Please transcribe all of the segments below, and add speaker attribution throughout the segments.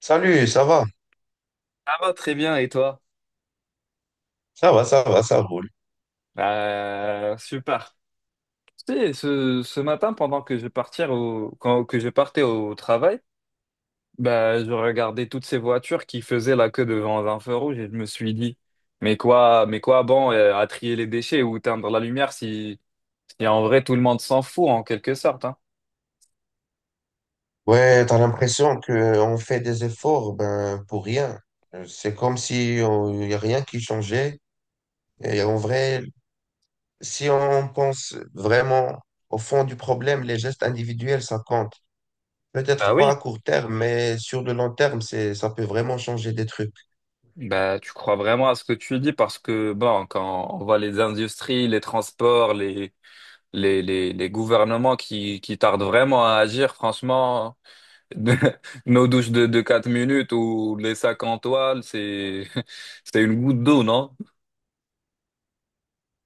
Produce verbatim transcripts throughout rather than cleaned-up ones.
Speaker 1: Salut, ça va?
Speaker 2: Ça va très bien, et toi?
Speaker 1: Ça va, ça va, ça roule.
Speaker 2: Euh, super. Tu sais, ce, ce matin, pendant que je partais au, quand, que je partais au travail, bah, je regardais toutes ces voitures qui faisaient la queue devant un feu rouge et je me suis dit, mais quoi, mais quoi bon euh, à trier les déchets ou teindre la lumière si, si en vrai tout le monde s'en fout en quelque sorte, hein.
Speaker 1: Ouais, t'as l'impression qu'on fait des efforts ben, pour rien. Euh, C'est comme si on- il n'y a rien qui changeait. Et en vrai, si on pense vraiment au fond du problème, les gestes individuels, ça compte.
Speaker 2: Bah
Speaker 1: Peut-être pas à
Speaker 2: oui.
Speaker 1: court terme, mais sur le long terme, c'est, ça peut vraiment changer des trucs.
Speaker 2: Bah, tu crois vraiment à ce que tu dis parce que, bon, quand on voit les industries, les transports, les, les, les, les gouvernements qui, qui tardent vraiment à agir, franchement. de- Nos douches de, de quatre minutes ou les sacs en toile, c'est, c'est une goutte d'eau, non?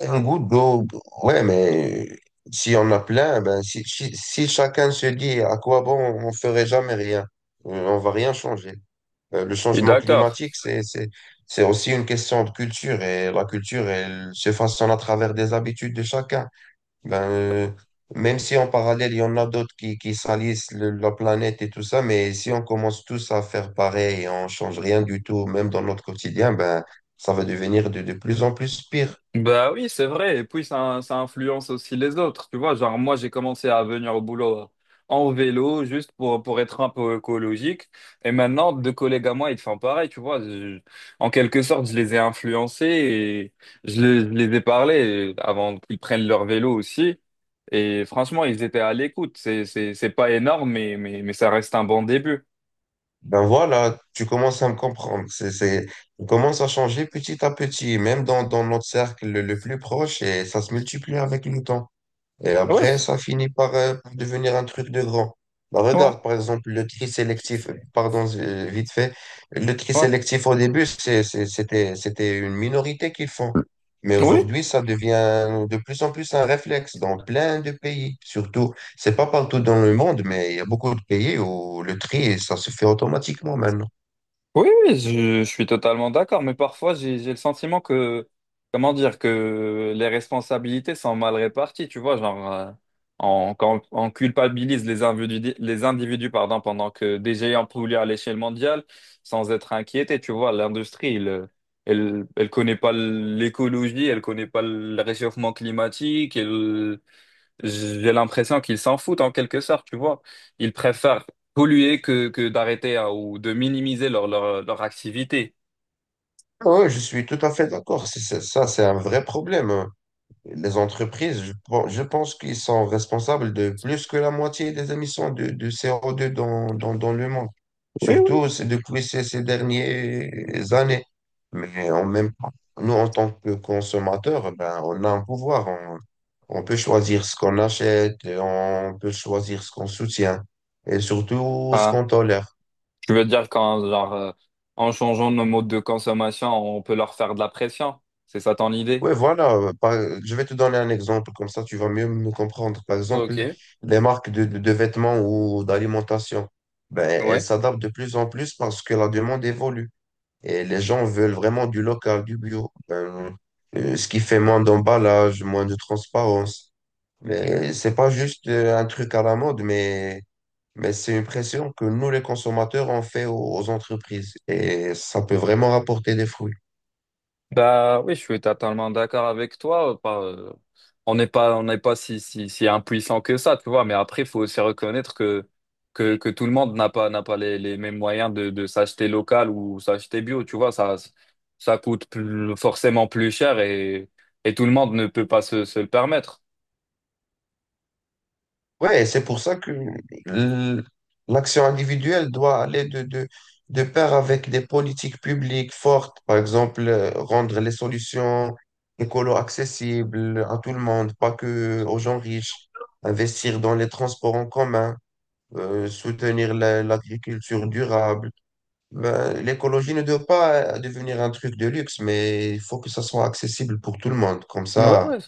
Speaker 1: Un goutte d'eau, ouais, mais si on a plein, ben, si, si, si chacun se dit à quoi bon, on ferait jamais rien, Euh, on va rien changer. Euh, Le
Speaker 2: Je suis
Speaker 1: changement
Speaker 2: d'accord.
Speaker 1: climatique, c'est, c'est, c'est aussi une question de culture et la culture, elle se façonne à travers des habitudes de chacun. Ben, euh, Même si en parallèle, il y en a d'autres qui, qui salissent le- la planète et tout ça, mais si on commence tous à faire pareil et on change rien du tout, même dans notre quotidien, ben, ça va devenir de de plus en plus pire.
Speaker 2: Bah oui, c'est vrai. Et puis, ça, ça influence aussi les autres. Tu vois, genre, moi, j'ai commencé à venir au boulot euh, en vélo, juste pour, pour être un peu écologique. Et maintenant, deux collègues à moi, ils font pareil. Tu vois. Je- en quelque sorte, je les ai influencés et je les, je les ai parlé avant qu'ils prennent leur vélo aussi. Et franchement, ils étaient à l'écoute. C'est, c'est, c'est pas énorme, mais, mais, mais ça reste un bon début.
Speaker 1: Ben voilà, tu commences à me comprendre. C'est, c'est, on commence à changer petit à petit, même dans, dans notre cercle le le plus proche et ça se multiplie avec le temps. Et
Speaker 2: Ouais,
Speaker 1: après,
Speaker 2: c'est-
Speaker 1: ça finit par, euh, par devenir un truc de grand. Bah,
Speaker 2: ouais,
Speaker 1: regarde, par exemple, le tri sélectif, pardon, euh, vite fait, le tri
Speaker 2: ouais.
Speaker 1: sélectif au début, c'est- c'est- c'était, c'était une minorité qui le font. Mais
Speaker 2: Oui,
Speaker 1: aujourd'hui, ça devient de plus en plus un réflexe dans plein de pays. Surtout, c'est pas partout dans le monde, mais il y a beaucoup de pays où le tri, ça se fait automatiquement maintenant.
Speaker 2: oui, oui, je, je suis totalement d'accord, mais parfois j'ai j'ai le sentiment que, comment dire, que les responsabilités sont mal réparties, tu vois, genre, euh, on, quand on culpabilise les individus, les individus, pardon, pendant que des géants polluent à l'échelle mondiale sans être inquiétés, tu vois, l'industrie, elle, elle, elle connaît pas l'écologie, elle connaît pas le réchauffement climatique, elle, j'ai l'impression qu'ils s'en foutent en quelque sorte, tu vois. Ils préfèrent polluer que, que d'arrêter hein, ou de minimiser leur, leur, leur activité.
Speaker 1: Oui, je suis tout à fait d'accord. C'est- c'est- Ça, c'est un vrai problème. Les entreprises, je, pen- je pense qu'ils sont responsables de plus que la moitié des émissions de, de C O deux dans, dans, dans le monde.
Speaker 2: Oui, oui.
Speaker 1: Surtout c'est depuis ces, ces dernières années. Mais en même temps, nous, en tant que consommateurs, ben, on a un pouvoir. On, on peut choisir ce qu'on achète, on peut choisir ce qu'on soutient et surtout ce
Speaker 2: Ah,
Speaker 1: qu'on tolère.
Speaker 2: je veux dire qu'en genre, euh, en changeant nos modes de consommation, on peut leur faire de la pression. C'est ça ton idée?
Speaker 1: Ouais voilà. Euh, par- je vais te donner un exemple, comme ça tu vas mieux me comprendre. Par exemple,
Speaker 2: Ok,
Speaker 1: les marques de, de- de vêtements ou d'alimentation, ben, elles
Speaker 2: ouais.
Speaker 1: s'adaptent de plus en plus parce que la demande évolue et les gens veulent vraiment du local, du bio. Ben, euh, ce qui fait moins d'emballage, moins de transparence. Mais c'est pas juste euh, un truc à la mode, mais, mais c'est une pression que nous, les consommateurs, on fait aux aux entreprises et ça peut vraiment rapporter des fruits.
Speaker 2: Bah oui, je suis totalement d'accord avec toi. on n'est pas, on n'est pas si, si, si impuissant que ça, tu vois. Mais après, il faut aussi reconnaître que, que, que tout le monde n'a pas, n'a pas les, les mêmes moyens de, de s'acheter local ou s'acheter bio, tu vois. Ça, ça coûte plus- forcément plus cher et, et tout le monde ne peut pas se, se le permettre.
Speaker 1: Ouais, c'est pour ça que l- l'action individuelle doit aller de, de, de pair avec des politiques publiques fortes. Par exemple, euh, rendre les solutions écolo accessibles à tout le monde, pas que aux gens riches. Investir dans les transports en commun, euh, soutenir la- l'agriculture durable. Ben, l'écologie ne doit pas euh, devenir un truc de luxe, mais il faut que ça soit accessible pour tout le monde. Comme
Speaker 2: Ouais,
Speaker 1: ça,
Speaker 2: ouais,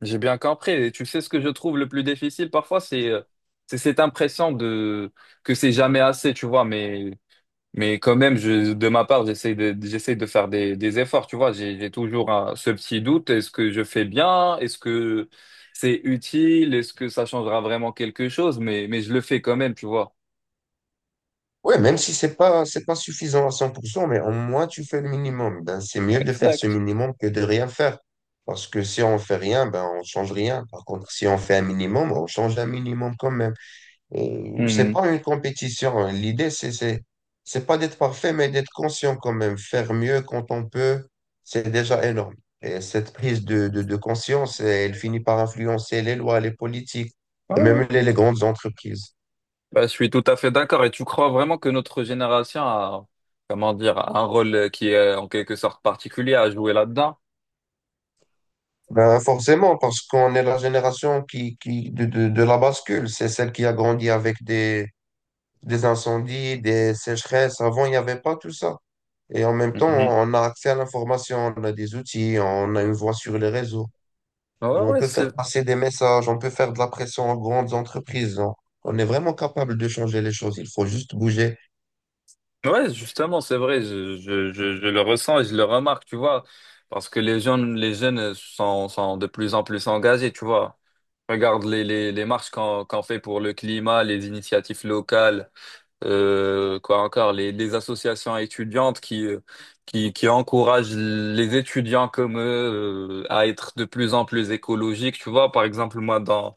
Speaker 2: j'ai bien compris. Et tu sais, ce que je trouve le plus difficile parfois, c'est, euh, c'est cette impression de, que c'est jamais assez, tu vois. Mais Mais quand même, je, de ma part, j'essaie de, j'essaie de faire des, des efforts, tu vois. J'ai, j'ai toujours un- ce petit doute. Est-ce que je fais bien? Est-ce que c'est utile? Est-ce que ça changera vraiment quelque chose? Mais, mais je le fais quand même, tu vois.
Speaker 1: ouais, même si c'est pas, c'est pas suffisant à cent pour cent, mais au moins tu fais le minimum. Ben, c'est mieux de faire ce
Speaker 2: Exact.
Speaker 1: minimum que de rien faire. Parce que si on fait rien, ben, on change rien. Par contre, si on fait un minimum, on change un minimum quand même. Et c'est
Speaker 2: Mhm.
Speaker 1: pas une compétition. L'idée, c'est, c'est, c'est pas d'être parfait, mais d'être conscient quand même. Faire mieux quand on peut, c'est déjà énorme. Et cette prise de, de, de conscience, elle finit par influencer les lois, les politiques
Speaker 2: Ouais,
Speaker 1: et
Speaker 2: ouais.
Speaker 1: même les les grandes entreprises.
Speaker 2: Bah, je suis tout à fait d'accord. Et tu crois vraiment que notre génération a, comment dire, un rôle qui est en quelque sorte particulier à jouer là-dedans?
Speaker 1: Ben, forcément, parce qu'on est la génération qui, qui, de, de, de la bascule. C'est celle qui a grandi avec des, des incendies, des sécheresses. Avant, il n'y avait pas tout ça. Et en même temps,
Speaker 2: Mhm.
Speaker 1: on a accès à l'information, on a des outils, on a une voix sur les réseaux.
Speaker 2: Ouais,
Speaker 1: On
Speaker 2: ouais,
Speaker 1: peut
Speaker 2: c'est
Speaker 1: faire passer des messages, on peut faire de la pression aux grandes entreprises. On, on est vraiment capable de changer les choses. Il faut juste bouger.
Speaker 2: ouais, justement, c'est vrai, je, je, je, je le ressens et je le remarque, tu vois, parce que les jeunes, les jeunes sont, sont de plus en plus engagés, tu vois. Regarde les, les, les marches qu'on qu'on fait pour le climat, les initiatives locales, euh, quoi encore, les, les associations étudiantes qui, euh, qui, qui encouragent les étudiants comme eux, euh, à être de plus en plus écologiques, tu vois. Par exemple, moi, dans,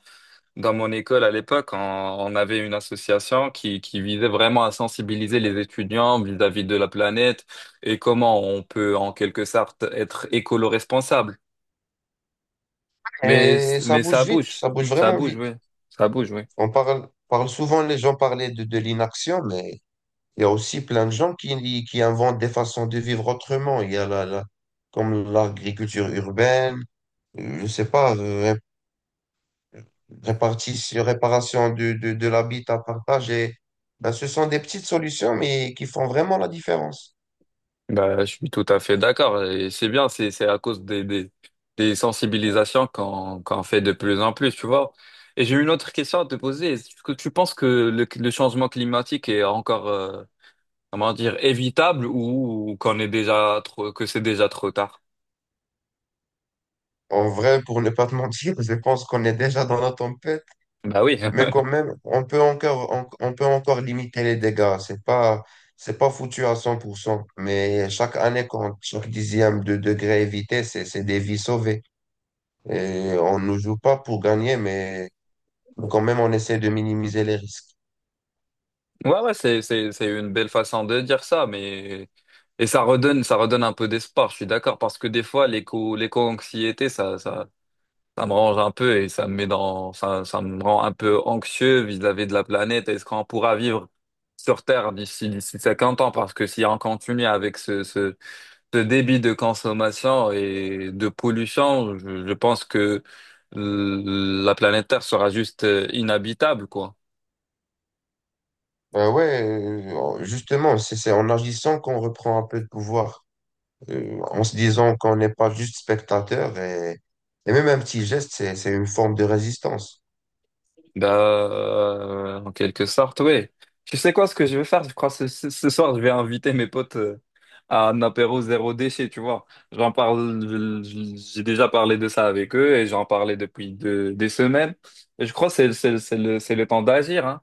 Speaker 2: dans mon école à l'époque, on, on avait une association qui, qui visait vraiment à sensibiliser les étudiants vis-à-vis de la planète et comment on peut en quelque sorte être écolo-responsable. Mais,
Speaker 1: Et ça
Speaker 2: mais ça
Speaker 1: bouge vite,
Speaker 2: bouge,
Speaker 1: ça bouge
Speaker 2: ça
Speaker 1: vraiment
Speaker 2: bouge,
Speaker 1: vite.
Speaker 2: oui, ça bouge, oui.
Speaker 1: On parle, parle souvent, les gens parlaient de, de l'inaction, mais il y a aussi plein de gens qui, qui inventent des façons de vivre autrement. Il y a la, la- comme l'agriculture urbaine, euh, je sais pas, euh, ré- répartition, réparation de, de, de l'habitat partagé. Ben, ce sont des petites solutions, mais qui font vraiment la différence.
Speaker 2: Bah, je suis tout à fait d'accord et c'est bien, c'est, c'est à cause des, des, des sensibilisations qu'on, qu'on fait de plus en plus, tu vois. Et j'ai une autre question à te poser. Est-ce que tu penses que le, le changement climatique est encore euh, comment dire, évitable ou, ou qu'on est déjà trop, que c'est déjà trop tard.
Speaker 1: En vrai, pour ne pas te mentir, je pense qu'on est déjà dans la tempête,
Speaker 2: Bah oui.
Speaker 1: mais quand même, on peut encore, on, on peut encore limiter les dégâts. C'est pas, c'est pas foutu à cent pour cent mais chaque année compte, chaque dixième de degré évité, c'est, c'est des vies sauvées. Et on ne joue pas pour gagner, mais quand même, on essaie de minimiser les risques.
Speaker 2: Ouais, ouais, c'est, c'est, c'est une belle façon de dire ça, mais, et ça redonne, ça redonne un peu d'espoir, je suis d'accord, parce que des fois, l'éco, l'éco-anxiété, ça, ça, ça me range un peu et ça me met dans, ça, ça me rend un peu anxieux vis-à-vis de la planète. Est-ce qu'on pourra vivre sur Terre d'ici, d'ici cinquante ans? Parce que si on continue avec ce, ce, ce débit de consommation et de pollution, je, je pense que l- la planète Terre sera juste euh, inhabitable, quoi.
Speaker 1: Ben ouais, euh, justement, c'est c'est en agissant qu'on reprend un peu de pouvoir. Euh, en se disant qu'on n'est pas juste spectateur et, et même un petit geste, c'est, c'est une forme de résistance.
Speaker 2: Bah, euh, en quelque sorte, oui. Tu sais quoi, ce que je vais faire, je crois, ce, ce- ce soir, je vais inviter mes potes euh, à un apéro zéro déchet, tu vois. J'en parle, je- j'ai déjà parlé de ça avec eux et j'en parlais depuis de- des semaines. Et je crois que c'est, c'est, c'est le, c'est le temps d'agir, hein.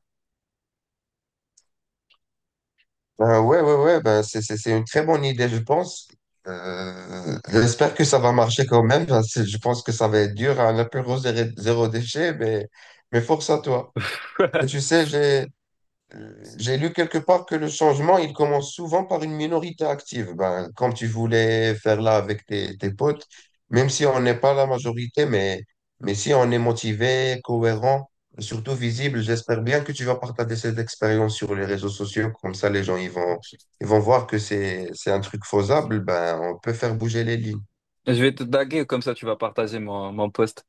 Speaker 1: Ben ouais, ouais, ouais, ben c'est, c'est, c'est une très bonne idée, je pense. Euh, j'espère que ça va marcher quand même. Ben, c'est- Je pense que ça va être dur à un apéro zéro, zéro déchet, mais, mais force à toi. Et tu sais, j'ai, euh, j'ai lu quelque part que le changement, il commence souvent par une minorité active. Ben, comme tu voulais faire là avec tes, tes potes, même si on n'est pas la majorité, mais, mais si on est motivé, cohérent, surtout visible, j'espère bien que tu vas partager cette expérience sur les réseaux sociaux. Comme ça, les gens, ils vont, ils vont voir que c'est, c'est un truc faisable. Ben, on peut faire bouger les lignes.
Speaker 2: Je vais te taguer, comme ça tu vas partager mon, mon post.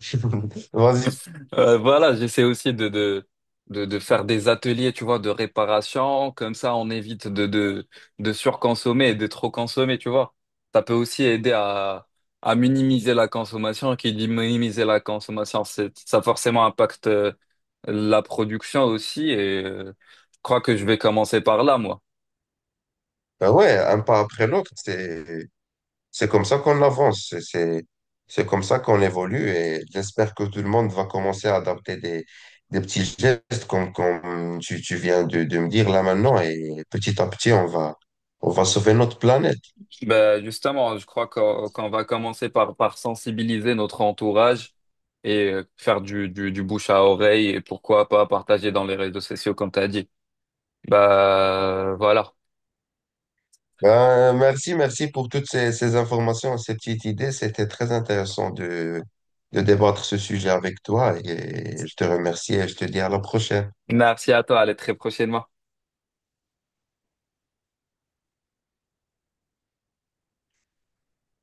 Speaker 1: Vas-y.
Speaker 2: Euh, voilà, j'essaie aussi de, de, de, de faire des ateliers, tu vois, de réparation. Comme ça, on évite de, de, de surconsommer et de trop consommer, tu vois. Ça peut aussi aider à, à minimiser la consommation. Qui dit minimiser la consommation, c'est, ça forcément impacte euh, la production aussi. Et euh, je crois que je vais commencer par là, moi.
Speaker 1: Ben ouais, un pas après l'autre, c'est, c'est comme ça qu'on avance, c'est c'est- c'est comme ça qu'on évolue et j'espère que tout le monde va commencer à adapter des, des petits gestes comme, comme tu, tu viens de, de me dire là maintenant et petit à petit on va, on va sauver notre planète.
Speaker 2: Ben justement, je crois qu'on qu'on va commencer par, par sensibiliser notre entourage et euh, faire du, du, du bouche à oreille et pourquoi pas partager dans les réseaux sociaux comme tu as dit. Bah voilà.
Speaker 1: Ben, merci, merci pour toutes ces, ces informations, ces petites idées. C'était très intéressant de, de débattre ce sujet avec toi et je te remercie et je te dis à la prochaine.
Speaker 2: Merci à toi, à la très prochainement.